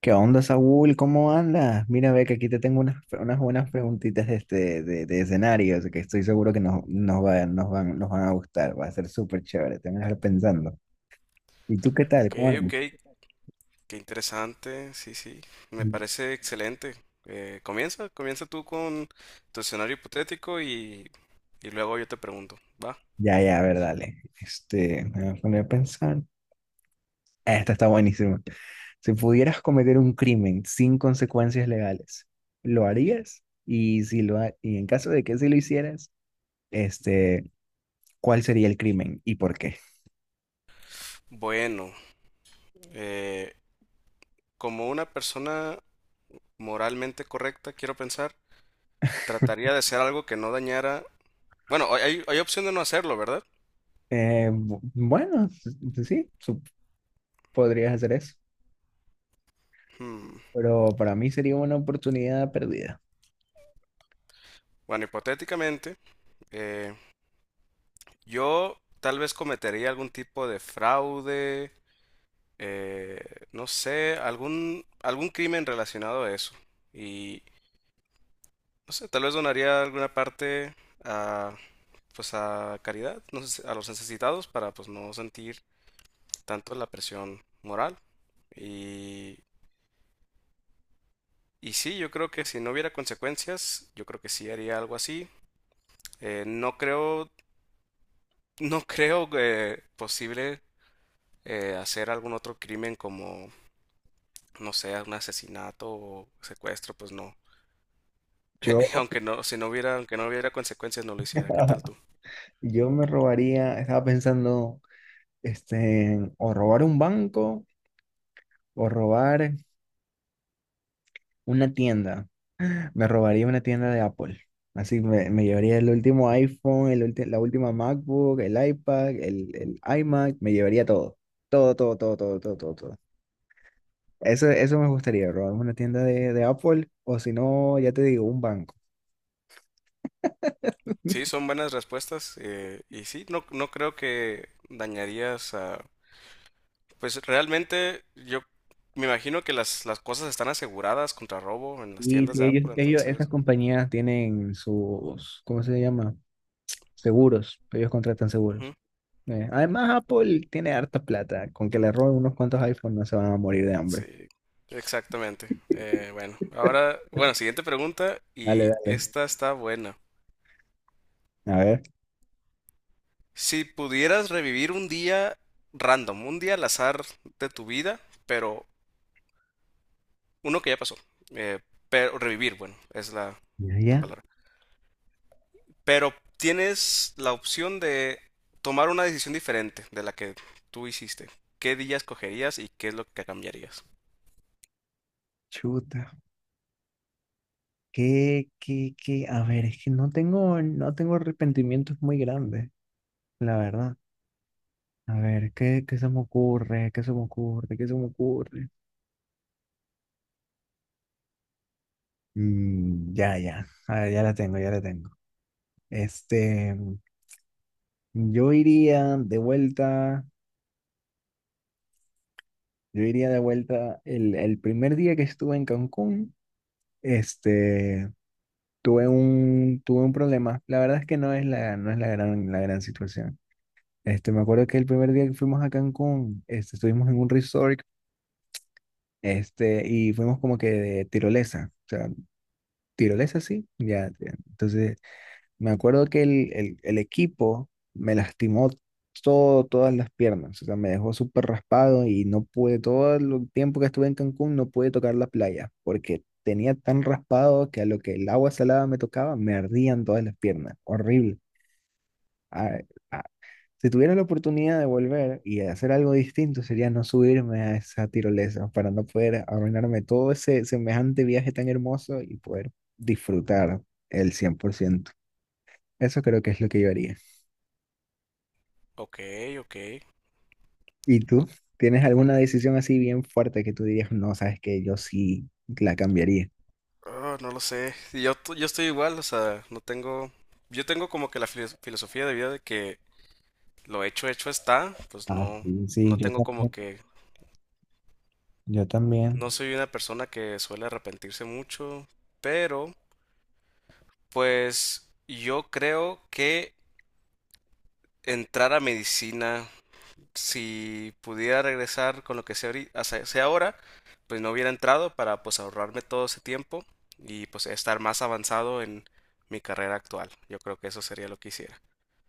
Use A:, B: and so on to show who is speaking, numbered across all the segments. A: ¿Qué onda, Saúl? ¿Cómo andas? Mira, ve que aquí te tengo unas buenas preguntitas de escenarios que estoy seguro que nos van a gustar. Va a ser súper chévere, te van a dejar pensando. ¿Y tú qué tal?
B: Ok,
A: ¿Cómo andas?
B: ok, qué interesante, sí, sí, me parece excelente. Comienza tú con tu escenario hipotético y luego yo te pregunto, ¿va?
A: Ya, ya, a ver, dale. Me voy a poner a pensar. Ah, esta está buenísima. Si pudieras cometer un crimen sin consecuencias legales, ¿lo harías? Y, si lo ha- y en caso de que sí lo hicieras, este, ¿cuál sería el crimen y por qué?
B: Bueno, eh, como una persona moralmente correcta, quiero pensar, trataría de hacer algo que no dañara... Bueno, hay opción de no hacerlo, ¿verdad?
A: Bueno, sí, podrías hacer eso,
B: Hmm.
A: pero para mí sería una oportunidad perdida.
B: Bueno, hipotéticamente, eh, yo tal vez cometería algún tipo de fraude, eh, no sé, algún crimen relacionado a eso. Y no sé, tal vez donaría alguna parte a, pues a caridad, no sé, a los necesitados para pues no sentir tanto la presión moral. Y, y sí, yo creo que si no hubiera consecuencias, yo creo que sí haría algo así. Eh, no creo, no creo, posible hacer algún otro crimen como, no sé, un asesinato o secuestro, pues no.
A: Yo,
B: Aunque no, si no hubiera, aunque no hubiera consecuencias, no lo hiciera. ¿Qué tal tú?
A: yo me robaría, estaba pensando, o robar un banco o robar una tienda. Me robaría una tienda de Apple. Así me llevaría el último iPhone, la última MacBook, el iPad, el iMac, me llevaría todo. Todo, todo, todo, todo, todo, todo, todo. Eso me gustaría, robar una tienda de Apple o si no, ya te digo, un banco.
B: Sí, son buenas respuestas. Y sí, no, no creo que dañarías a... Pues realmente yo me imagino que las cosas están aseguradas contra robo en las
A: Y
B: tiendas
A: si
B: de
A: ellos,
B: Apple,
A: ellos, esas
B: entonces...
A: compañías tienen sus, ¿cómo se llama? Seguros, ellos contratan
B: Ujú,
A: seguros. Además, Apple tiene harta plata, con que le roben unos cuantos iPhones no se van a morir de
B: sí,
A: hambre.
B: exactamente. Bueno, ahora, bueno, siguiente pregunta
A: Dale,
B: y
A: dale.
B: esta está buena.
A: A ver.
B: Si pudieras revivir un día random, un día al azar de tu vida, pero uno que ya pasó. eh, pero revivir, bueno, es
A: Ya,
B: la
A: ya.
B: palabra. Pero tienes la opción de tomar una decisión diferente de la que tú hiciste. ¿Qué día escogerías y qué es lo que cambiarías?
A: Chuta. ¿Qué, qué, qué? A ver, es que no tengo arrepentimientos muy grandes, la verdad. A ver, ¿qué se me ocurre? ¿Qué se me ocurre? ¿Qué se me ocurre? Ya, ya, a ver, ya la tengo, ya la tengo. Este, yo iría de vuelta, yo iría de vuelta el primer día que estuve en Cancún. este, Tuve un problema. La verdad es que no es la la gran situación. Me acuerdo que el primer día que fuimos a Cancún, estuvimos en un resort, y fuimos como que de tirolesa, o sea, tirolesa sí, ya, ya. Entonces me acuerdo que el equipo me lastimó todas las piernas, o sea, me dejó súper raspado y no pude, todo el tiempo que estuve en Cancún no pude tocar la playa, porque tenía tan raspado que a lo que el agua salada me tocaba, me ardían todas las piernas, horrible. Ah, ah, si tuviera la oportunidad de volver y hacer algo distinto, sería no subirme a esa tirolesa para no poder arruinarme todo ese semejante viaje tan hermoso y poder disfrutar el 100%. Eso creo que es lo que yo haría.
B: Ok, ok.
A: ¿Y tú? ¿Tienes alguna decisión así bien fuerte que tú dirías, no, sabes que yo sí la cambiaría?
B: Ah, no lo sé. Yo estoy igual, o sea, no tengo... Yo tengo como que la filosofía de vida de que lo hecho hecho está, pues
A: Ah,
B: no,
A: sí, sí,
B: no
A: yo
B: tengo como
A: también.
B: que...
A: Yo
B: No
A: también.
B: soy una persona que suele arrepentirse mucho, pero pues yo creo que entrar a medicina. Si pudiera regresar con lo que sé, sé ahora, pues no hubiera entrado para pues ahorrarme todo ese tiempo y pues estar más avanzado en mi carrera actual. Yo creo que eso sería lo que hiciera.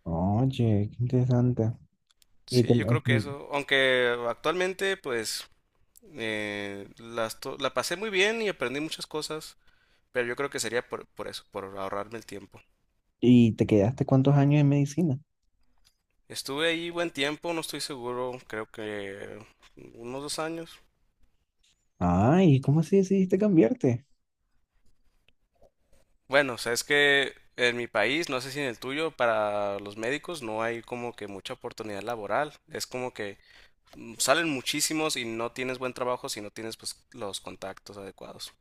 A: Oye, qué interesante. ¿Y
B: Sí, yo creo que eso, aunque actualmente pues la pasé muy bien y aprendí muchas cosas, pero yo creo que sería por eso, por ahorrarme el tiempo.
A: y te quedaste cuántos años en medicina?
B: Estuve ahí buen tiempo, no estoy seguro, creo que unos dos años.
A: Ay, ¿cómo así decidiste cambiarte?
B: Bueno, o sea, es que en mi país, no sé si en el tuyo, para los médicos no hay como que mucha oportunidad laboral. Es como que mm, salen muchísimos y no tienes buen trabajo si no tienes pues los contactos adecuados.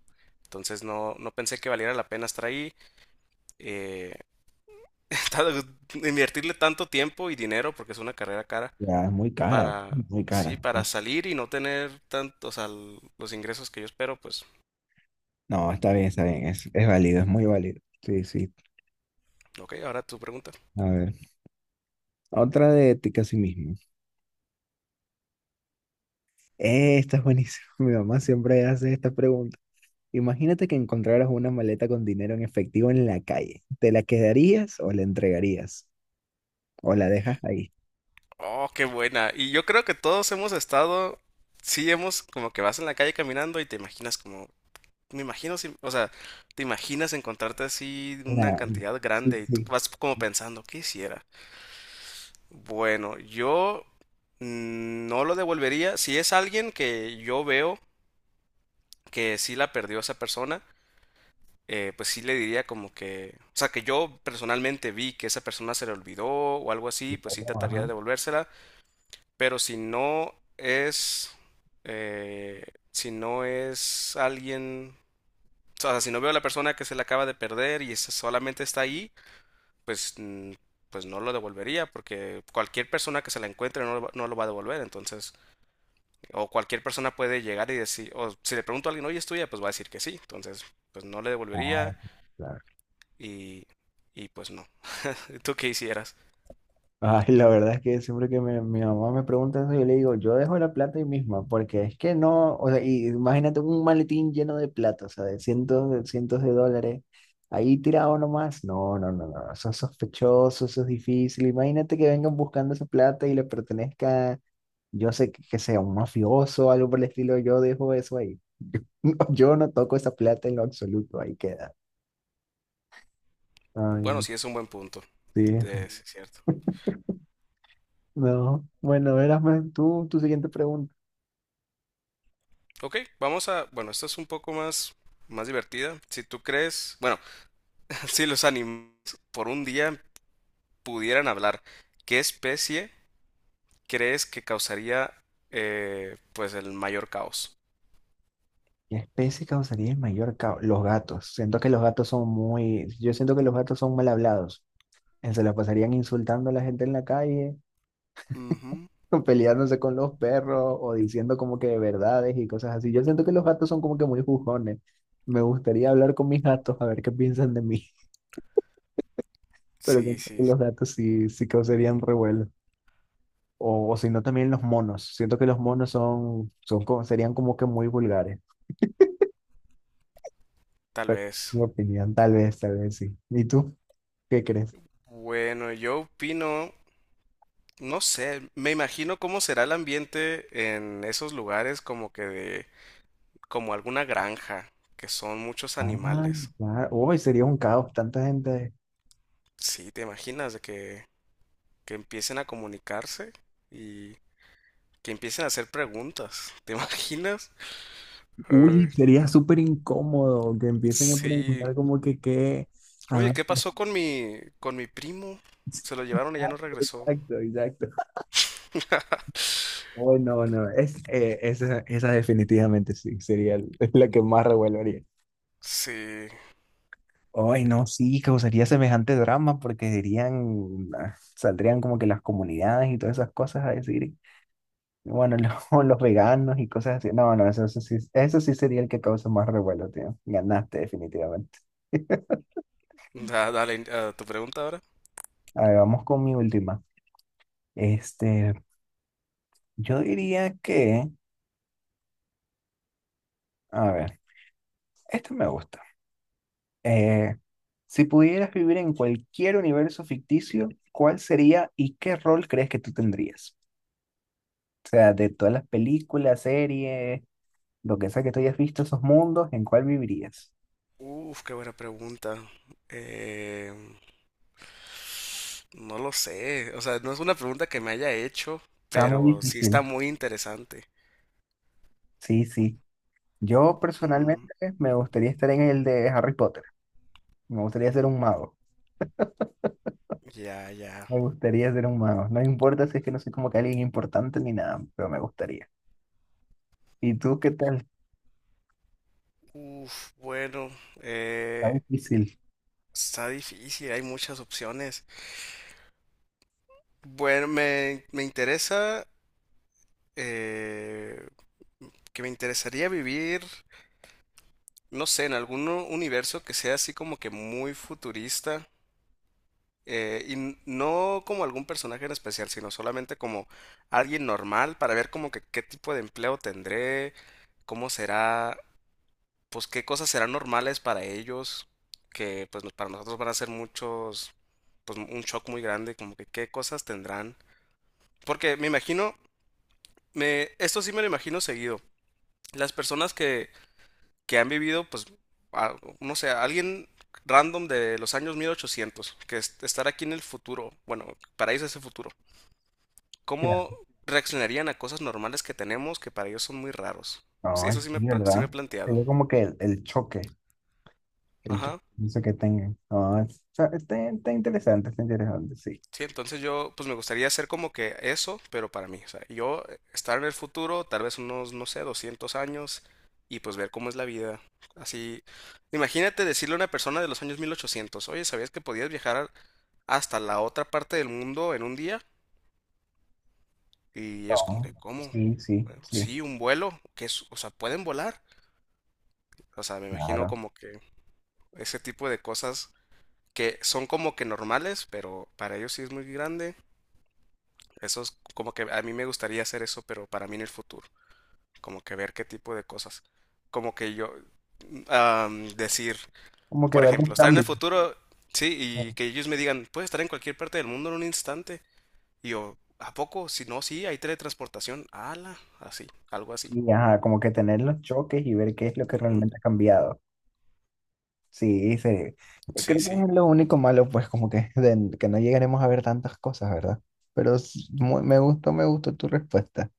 B: Entonces no pensé que valiera la pena estar ahí, eh, invertirle tanto tiempo y dinero, porque es una carrera cara,
A: Ya, es muy cara,
B: para,
A: muy
B: sí,
A: cara,
B: para
A: sí.
B: salir y no tener tanto, o sea, los ingresos que yo espero, pues,
A: No, está bien, es válido, es muy válido. Sí, sí.
B: ok, ahora tu pregunta.
A: A ver, otra de ética a sí mismo. Esta es buenísima. Mi mamá siempre hace estas preguntas. Imagínate que encontraras una maleta con dinero en efectivo en la calle. ¿Te la quedarías o la entregarías? ¿O la dejas ahí?
B: Oh, qué buena. Y yo creo que todos hemos estado, sí hemos como que vas en la calle caminando y te imaginas como, me imagino, o sea, te imaginas encontrarte así una
A: Una-
B: cantidad
A: sí,
B: grande y tú
A: sí.
B: vas como pensando, ¿qué hiciera? Bueno, yo mm, no lo devolvería. Si es alguien que yo veo que sí la perdió esa persona, pues sí le diría como que, o sea, que yo personalmente vi que esa persona se le olvidó o algo así, pues sí trataría de
A: Ajá.
B: devolvérsela. Pero si no es, eh, si no es alguien, o sea, si no veo a la persona que se le acaba de perder y solamente está ahí, pues, mm, pues no lo devolvería, porque cualquier persona que se la encuentre no, no lo va a devolver, entonces, o cualquier persona puede llegar y decir, o si le pregunto a alguien, oye, es tuya, pues va a decir que sí, entonces, pues no le
A: Ah,
B: devolvería
A: claro.
B: y, y pues no. ¿Tú qué hicieras?
A: Ay, la verdad es que siempre que mi mamá me pregunta eso, yo le digo, yo dejo la plata ahí misma, porque es que no, o sea, y imagínate un maletín lleno de plata, o sea, de cientos de dólares, ahí tirado nomás. No, no, no, no, eso es sospechoso, eso es difícil. Imagínate que vengan buscando esa plata y le pertenezca. Yo sé que sea un mafioso o algo por el estilo, yo dejo eso ahí. No, yo no toco esa plata en lo absoluto, ahí queda. Ay,
B: Bueno,
A: no,
B: sí es un buen punto,
A: sí.
B: sí es cierto.
A: No, bueno, verás, man, tu siguiente pregunta.
B: Ok, vamos a, bueno, esta es un poco más, más divertida. Si tú crees, bueno, si los animales por un día pudieran hablar, ¿qué especie crees que causaría, pues el mayor caos?
A: ¿Qué especie causaría el mayor caos? Los gatos. Siento que los gatos son muy, yo siento que los gatos son mal hablados. Se la pasarían insultando a la gente en la calle,
B: Ujú.
A: peleándose con los perros o diciendo como que verdades y cosas así. Yo siento que los gatos son como que muy jugones. Me gustaría hablar con mis gatos a ver qué piensan de mí. Pero yo
B: Sí,
A: creo que
B: sí,
A: los gatos sí, sí causarían revuelo. O si no, también los monos. Siento que los monos son como- serían como que muy vulgares.
B: tal vez.
A: Mi opinión, tal vez sí. ¿Y tú qué crees?
B: Bueno, yo opino, no sé, me imagino cómo será el ambiente en esos lugares como que de, como alguna granja, que son muchos
A: Ah,
B: animales.
A: claro. Uy, sería un caos, tanta gente.
B: Sí, ¿te imaginas de que empiecen a comunicarse y que empiecen a hacer preguntas. ¿Te imaginas? Ay,
A: Uy, sería súper incómodo que empiecen a
B: sí.
A: preguntar como que qué, a
B: Oye,
A: dónde
B: ¿qué
A: estás.
B: pasó con mi primo? Se lo llevaron y ya no regresó.
A: Exacto, exacto. Uy, no, no. Es, esa definitivamente sí, sería la que más revuelo haría.
B: Sí.
A: Ay, no, sí, causaría semejante drama porque dirían, ah, saldrían como que las comunidades y todas esas cosas a decir, bueno, los, los veganos y cosas así. No, no, eso sí sería el que causa más revuelo, tío. Ganaste definitivamente.
B: Dale, ah, tu pregunta ahora.
A: A ver, vamos con mi última. Este, yo diría que, a ver, esto me gusta. Eh, si pudieras vivir en cualquier universo ficticio, ¿cuál sería y qué rol crees que tú tendrías? O sea, de todas las películas, series, lo que sea que tú hayas visto esos mundos, ¿en cuál vivirías?
B: Uf, qué buena pregunta. Eh, no lo sé. O sea, no es una pregunta que me haya hecho,
A: Está muy
B: pero sí
A: difícil.
B: está muy interesante.
A: Sí, sí. Yo personalmente
B: Mm,
A: me gustaría estar en el de Harry Potter. Me gustaría ser un mago.
B: ya, ya.
A: Me gustaría ser un mago. No importa si es que no soy como que alguien importante ni nada, pero me gustaría. ¿Y tú qué tal?
B: Uf, bueno.
A: Está
B: Eh,
A: difícil.
B: está difícil, hay muchas opciones. Bueno, me interesa, eh, que me interesaría vivir, no sé, en algún universo que sea así como que muy futurista. No como algún personaje en especial, sino solamente como alguien normal para ver como que qué tipo de empleo tendré, cómo será, pues qué cosas serán normales para ellos, que pues para nosotros van a ser muchos, pues un shock muy grande, como que qué cosas tendrán. Porque me imagino, esto sí me lo imagino seguido. Las personas que han vivido, pues, no sé, alguien random de los años 1800, que estar aquí en el futuro, bueno, para ellos es el futuro. ¿Cómo
A: Claro.
B: reaccionarían a cosas normales que tenemos que para ellos son muy raros? Sí,
A: Ay,
B: eso sí me,
A: sí,
B: sí me
A: ¿verdad?
B: he planteado.
A: Sería como que el choque. El choque.
B: Ajá.
A: No sé qué tengan. Ah, o sea está interesante, sí.
B: Sí, entonces yo, pues me gustaría hacer como que eso, pero para mí, o sea, yo, estar en el futuro, tal vez unos, no sé, 200 años, y pues ver cómo es la vida. Así, imagínate decirle a una persona de los años mil ochocientos, oye, ¿sabías que podías viajar hasta la otra parte del mundo en un día? Y es como
A: No,
B: que, ¿cómo?
A: sí, sí,
B: Bueno,
A: sí.
B: sí, un vuelo, que es, o sea, pueden volar. O sea, me imagino
A: Claro.
B: como que ese tipo de cosas que son como que normales, pero para ellos sí es muy grande. Eso es como que a mí me gustaría hacer eso, pero para mí en el futuro, como que ver qué tipo de cosas. Como que yo am, decir,
A: Como que
B: por
A: ver
B: ejemplo,
A: un
B: estar en el
A: cambio.
B: futuro, sí, y que ellos me digan, puedes estar en cualquier parte del mundo en un instante. Y yo, ¿a poco? Si no, sí, hay teletransportación. Ala, así, algo así.
A: Y ajá, como que tener los choques y ver qué es lo que
B: Ujú.
A: realmente ha cambiado. Sí, sí.
B: Sí,
A: Creo que
B: sí.
A: es lo único malo, pues, que no llegaremos a ver tantas cosas, ¿verdad? Pero me gustó tu respuesta.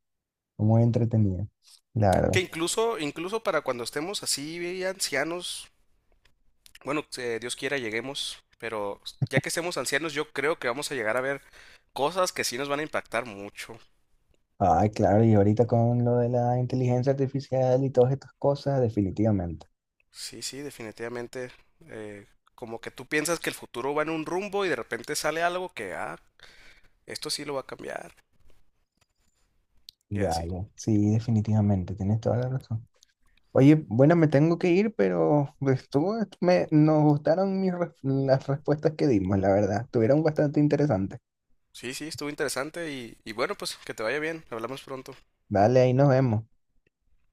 A: Muy entretenida, la verdad.
B: Que incluso, incluso para cuando estemos así, ancianos, bueno, Dios quiera lleguemos, pero ya que estemos ancianos, yo creo que vamos a llegar a ver cosas que sí nos van a impactar mucho.
A: Ay, claro, y ahorita con lo de la inteligencia artificial y todas estas cosas, definitivamente.
B: Sí, sí, definitivamente. eh, Como que tú piensas que el futuro va en un rumbo y de repente sale algo que, ah, esto sí lo va a cambiar. Y
A: Ya,
B: así.
A: ya. Sí, definitivamente. Tienes toda la razón. Oye, bueno, me tengo que ir, pero pues, nos gustaron las respuestas que dimos, la verdad. Estuvieron bastante interesantes.
B: Sí, sí, estuvo interesante y bueno, pues que te vaya bien. Hablamos pronto.
A: Vale, ahí nos vemos.